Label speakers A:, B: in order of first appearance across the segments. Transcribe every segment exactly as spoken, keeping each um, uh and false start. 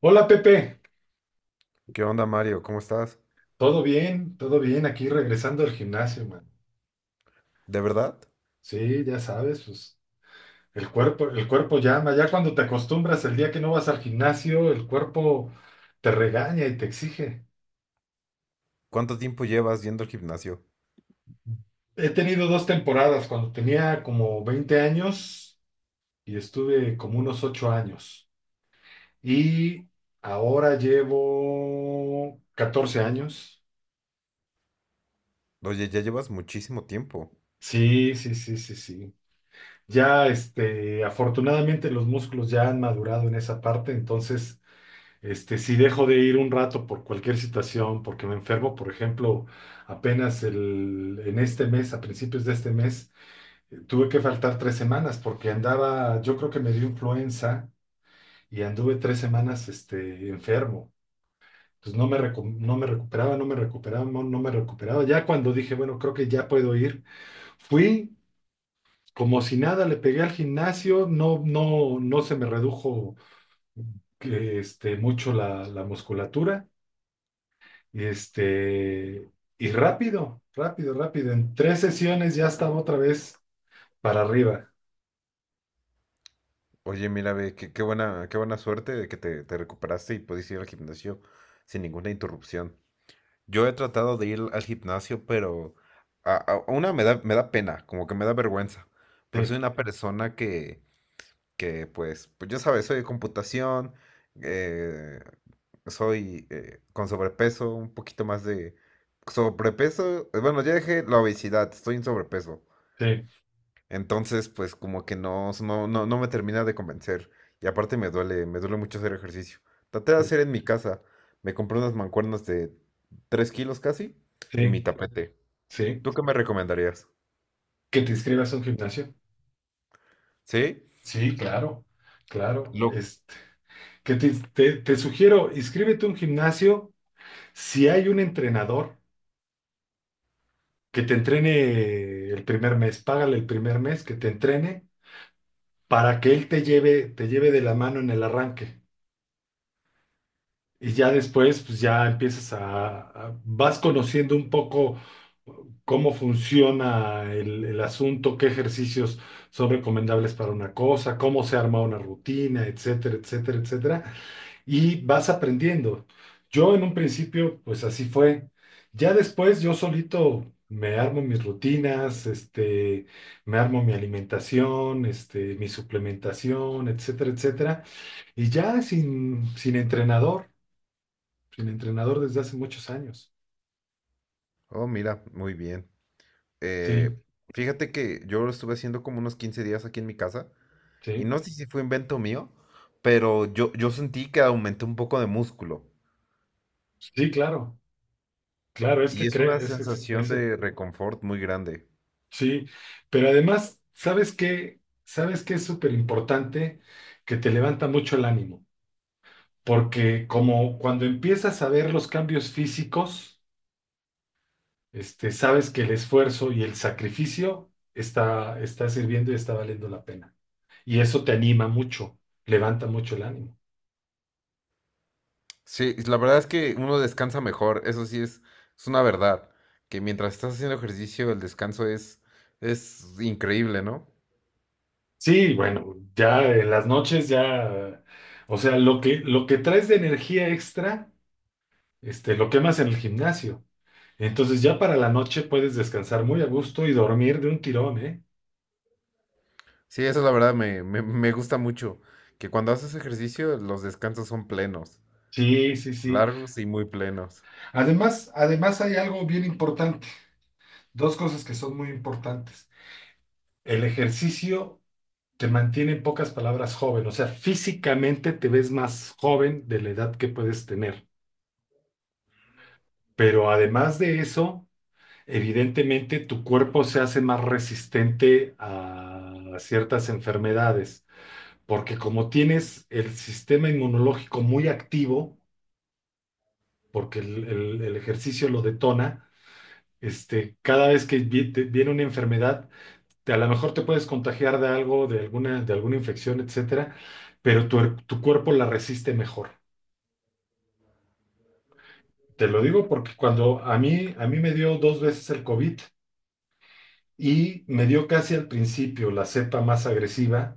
A: Hola Pepe,
B: ¿Qué onda, Mario? ¿Cómo estás?
A: todo bien, todo bien, aquí regresando al gimnasio, man.
B: ¿De verdad?
A: Sí, ya sabes, pues el cuerpo, el cuerpo llama. Ya cuando te acostumbras, el día que no vas al gimnasio, el cuerpo te regaña y te exige.
B: ¿Cuánto tiempo llevas yendo al gimnasio?
A: He tenido dos temporadas. Cuando tenía como veinte años, y estuve como unos ocho años. Y ahora llevo catorce años.
B: Oye, ya llevas muchísimo tiempo.
A: Sí, sí, sí, sí, sí. Ya, este, afortunadamente los músculos ya han madurado en esa parte. Entonces, este, si dejo de ir un rato por cualquier situación, porque me enfermo, por ejemplo, apenas el, en este mes, a principios de este mes, eh, tuve que faltar tres semanas porque andaba, yo creo que me dio influenza, y anduve tres semanas, este, enfermo. Entonces no me, recu- no me recuperaba, no me recuperaba, no, no me recuperaba. Ya cuando dije, bueno, creo que ya puedo ir, fui. Como si nada, le pegué al gimnasio. No, no, no se me redujo eh, este, mucho la, la musculatura. Este, y rápido, rápido, rápido, en tres sesiones ya estaba otra vez para arriba.
B: Oye, mira, ve, qué, qué buena, qué buena suerte de que te, te recuperaste y pudiste ir al gimnasio sin ninguna interrupción. Yo he tratado de ir al gimnasio, pero a, a- a una me da, me da pena, como que me da vergüenza, porque soy
A: Sí,
B: una persona que, que pues, pues ya sabes, soy de computación, eh, soy eh, con sobrepeso, un poquito más de sobrepeso, eh, bueno, ya dejé la obesidad, estoy en sobrepeso.
A: sí,
B: Entonces, pues como que no, no, no, no me termina de convencer. Y aparte me duele, me duele mucho hacer ejercicio. Traté de
A: sí,
B: hacer en mi casa. Me compré unas mancuernas de tres kilos casi y
A: sí,
B: mi tapete.
A: sí.
B: ¿Tú qué me recomendarías?
A: ¿Que te inscribas a un gimnasio?
B: ¿Sí?
A: Sí, claro, claro,
B: Lo...
A: este. Que te, te- te sugiero: inscríbete a un gimnasio. Si hay un entrenador que te entrene el primer mes, págale el primer mes que te entrene, para que él te lleve, te lleve de la mano en el arranque. Y ya después, pues ya empiezas a, a- vas conociendo un poco cómo funciona el, el asunto, qué ejercicios son recomendables para una cosa, cómo se arma una rutina, etcétera, etcétera, etcétera, y vas aprendiendo. Yo en un principio pues así fue. Ya después yo solito me armo mis rutinas, este, me armo mi alimentación, este, mi suplementación, etcétera, etcétera. Y ya sin, sin entrenador, sin entrenador desde hace muchos años.
B: Oh, mira, muy bien.
A: Sí,
B: Eh, Fíjate que yo lo estuve haciendo como unos quince días aquí en mi casa y
A: sí,
B: no sé si fue invento mío, pero yo, yo sentí que aumenté un poco de músculo
A: sí, claro, claro, es
B: y
A: que
B: es una
A: cree, es que sí
B: sensación
A: crece.
B: de reconfort muy grande.
A: Sí, pero además, ¿sabes qué? ¿Sabes qué es súper importante? Que te levanta mucho el ánimo, porque como cuando empiezas a ver los cambios físicos, este, sabes que el esfuerzo y el sacrificio está, está sirviendo y está valiendo la pena. Y eso te anima mucho, levanta mucho el ánimo.
B: Sí, la verdad es que uno descansa mejor, eso sí es, es una verdad, que mientras estás haciendo ejercicio el descanso es, es increíble, ¿no?
A: Sí, bueno, ya en las noches, ya, o sea, lo que, lo que traes de energía extra, este, lo quemas en el gimnasio. Entonces, ya para la noche, puedes descansar muy a gusto y dormir de un tirón, ¿eh?
B: Sí, eso la verdad me, me, me gusta mucho, que cuando haces ejercicio los descansos son plenos,
A: Sí, sí, sí.
B: largos y muy plenos.
A: Además, además hay algo bien importante. Dos cosas que son muy importantes. El ejercicio te mantiene, en pocas palabras, joven. O sea, físicamente te ves más joven de la edad que puedes tener. Pero además de eso, evidentemente tu cuerpo se hace más resistente a ciertas enfermedades, porque como tienes el sistema inmunológico muy activo, porque el, el- el ejercicio lo detona. Este, cada vez que vi- te- viene una enfermedad, te- a lo mejor te puedes contagiar de algo, de alguna, de alguna infección, etcétera, pero tu, er- tu cuerpo la resiste mejor. Te lo digo porque cuando a mí, a mí me dio dos veces el COVID, y me dio casi al principio la cepa más agresiva,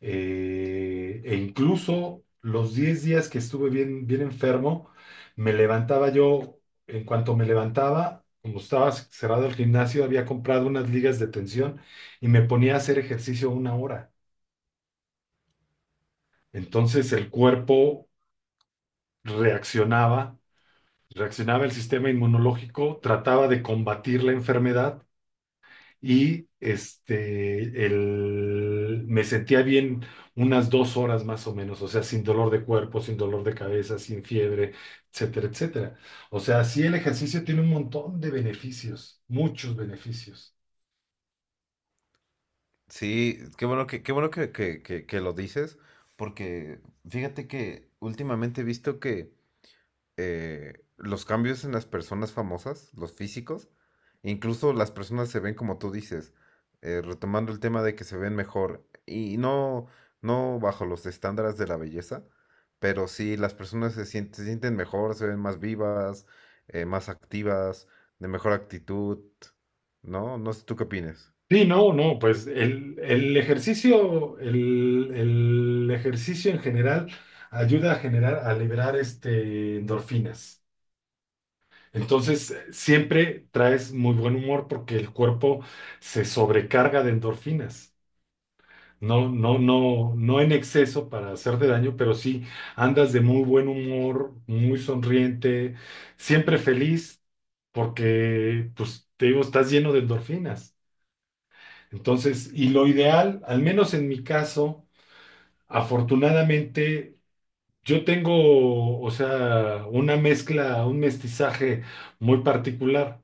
A: eh, e incluso los diez días que estuve bien, bien enfermo, me levantaba yo. En cuanto me levantaba, como estaba cerrado el gimnasio, había comprado unas ligas de tensión, y me ponía a hacer ejercicio una hora. Entonces el cuerpo reaccionaba, reaccionaba el sistema inmunológico, trataba de combatir la enfermedad, y este, el- me sentía bien unas dos horas más o menos, o sea, sin dolor de cuerpo, sin dolor de cabeza, sin fiebre, etcétera, etcétera. O sea, sí, el ejercicio tiene un montón de beneficios, muchos beneficios.
B: Sí, qué bueno que, qué bueno que, que, que, que lo dices, porque fíjate que últimamente he visto que eh, los cambios en las personas famosas, los físicos, incluso las personas se ven como tú dices, eh, retomando el tema de que se ven mejor, y no, no bajo los estándares de la belleza, pero sí las personas se sienten, se sienten mejor, se ven más vivas, eh, más activas, de mejor actitud, ¿no? No sé tú qué opinas.
A: Sí, no, no, pues el, el ejercicio, el, el ejercicio en general ayuda a generar, a liberar, este, endorfinas. Entonces, eh, siempre traes muy buen humor porque el cuerpo se sobrecarga de endorfinas. No, no, no, no en exceso para hacerte daño, pero sí andas de muy buen humor, muy sonriente, siempre feliz, porque, pues, te digo, estás lleno de endorfinas. Entonces, y lo ideal, al menos en mi caso, afortunadamente, yo tengo, o sea, una mezcla, un mestizaje muy particular.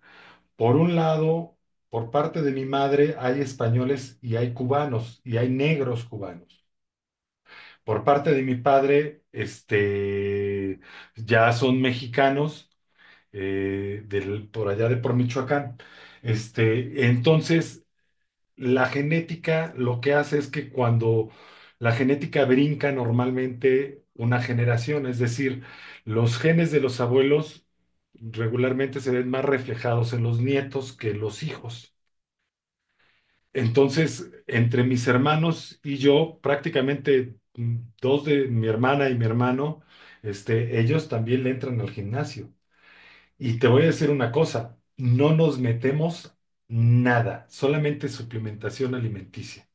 A: Por un lado, por parte de mi madre hay españoles y hay cubanos y hay negros cubanos. Por parte de mi padre, este, ya son mexicanos, eh, del- por allá de por Michoacán. Este, entonces, La genética, lo que hace es que, cuando la genética brinca normalmente una generación, es decir, los genes de los abuelos regularmente se ven más reflejados en los nietos que en los hijos. Entonces, entre mis hermanos y yo, prácticamente, mm, dos, de mi hermana y mi hermano, este, ellos también le entran al gimnasio. Y te voy a decir una cosa: no nos metemos nada, solamente suplementación alimenticia.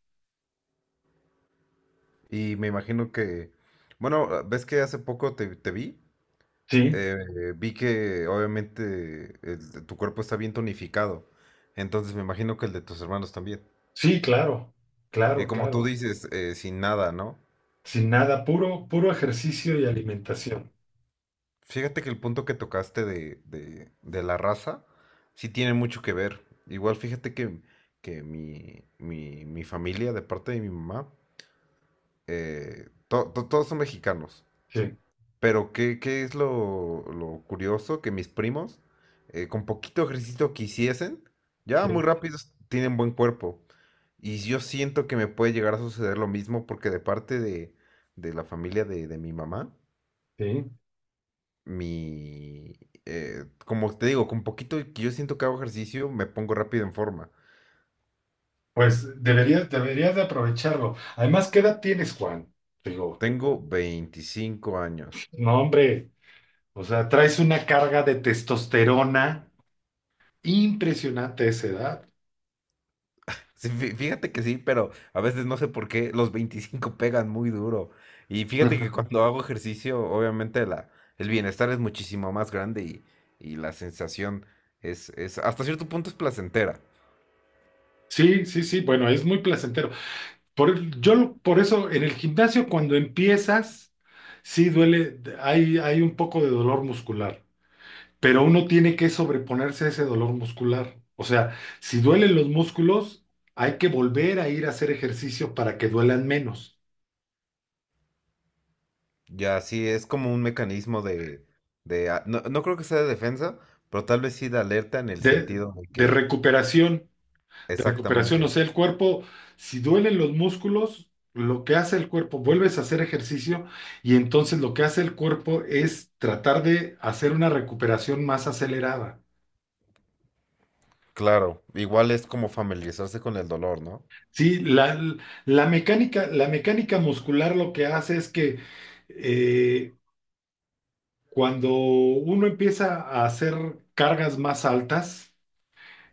B: Y me imagino que, bueno, ves que hace poco te, te vi,
A: Sí,
B: eh, eh, vi que obviamente el de tu cuerpo está bien tonificado, entonces me imagino que el de tus hermanos también.
A: Sí, claro,
B: Y
A: claro,
B: como tú
A: claro.
B: dices, eh, sin nada, ¿no?
A: Sin nada, puro, puro ejercicio y alimentación.
B: Fíjate que el punto que tocaste de, de- de la raza sí tiene mucho que ver. Igual fíjate que, que mi, mi- mi familia, de parte de mi mamá, eh, to- to- todos son mexicanos.
A: Sí,
B: Pero ¿qué, qué es lo, lo curioso? Que mis primos, eh, con poquito ejercicio que hiciesen, ya muy
A: sí,
B: rápidos tienen buen cuerpo. Y yo siento que me puede llegar a suceder lo mismo porque de parte de, de la familia de, de mi mamá,
A: sí.
B: mi... eh, como te digo, con poquito que yo siento que hago ejercicio, me pongo rápido en forma.
A: Pues deberías, deberías de aprovecharlo. Además, ¿qué edad tienes, Juan? Digo,
B: Tengo veinticinco años.
A: no, hombre, o sea, traes una carga de testosterona impresionante a esa edad.
B: Sí, fí- fíjate que sí, pero a veces no sé por qué los veinticinco pegan muy duro. Y fíjate que
A: Ajá.
B: cuando hago ejercicio, obviamente la, el bienestar es muchísimo más grande y, y la sensación es, es, hasta cierto punto es placentera.
A: Sí, sí, sí, bueno, es muy placentero. Por, yo, lo- por eso, en el gimnasio, cuando empiezas, sí duele, hay, hay un poco de dolor muscular. Pero uno tiene que sobreponerse a ese dolor muscular. O sea, si duelen los músculos, hay que volver a ir a hacer ejercicio para que duelan menos.
B: Ya sí, es como un mecanismo de, de a- no, no creo que sea de defensa, pero tal vez sí de alerta en el
A: De,
B: sentido de
A: de
B: que,
A: recuperación, de recuperación, o
B: exactamente,
A: sea, el cuerpo, si duelen los músculos, lo que hace el cuerpo, vuelves a hacer ejercicio, y entonces lo que hace el cuerpo es tratar de hacer una recuperación más acelerada.
B: claro, igual es como familiarizarse con el dolor, ¿no?
A: Sí, la, la mecánica, la mecánica muscular, lo que hace es que, eh, Cuando uno empieza a hacer cargas más altas,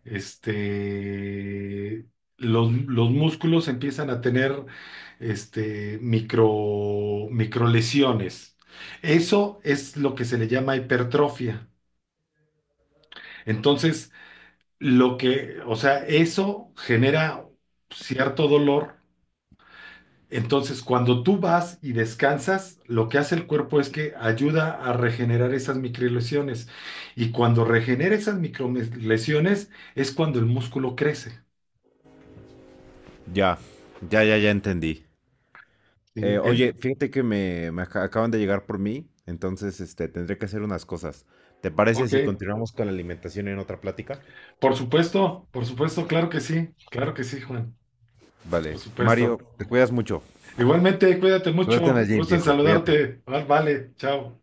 A: este, los, los músculos empiezan a tener, este, micro, microlesiones. Eso es lo que se le llama hipertrofia. Entonces, lo que, o sea, eso genera cierto dolor. Entonces, cuando tú vas y descansas, lo que hace el cuerpo es que ayuda a regenerar esas microlesiones. Y cuando regenera esas microlesiones, es cuando el músculo crece.
B: Ya, ya, ya, ya entendí. Eh,
A: ¿Sí? En-
B: oye, fíjate que me, me aca- acaban de llegar por mí, entonces este, tendré que hacer unas cosas. ¿Te parece
A: ok,
B: si continuamos con la alimentación en otra plática?
A: por supuesto, por supuesto, claro que sí, claro que sí, Juan, por
B: Vale, Mario,
A: supuesto.
B: te cuidas mucho.
A: Igualmente, cuídate
B: Suerte en
A: mucho,
B: el gym,
A: gusto en
B: viejo, cuídate.
A: saludarte. Vale, vale, chao.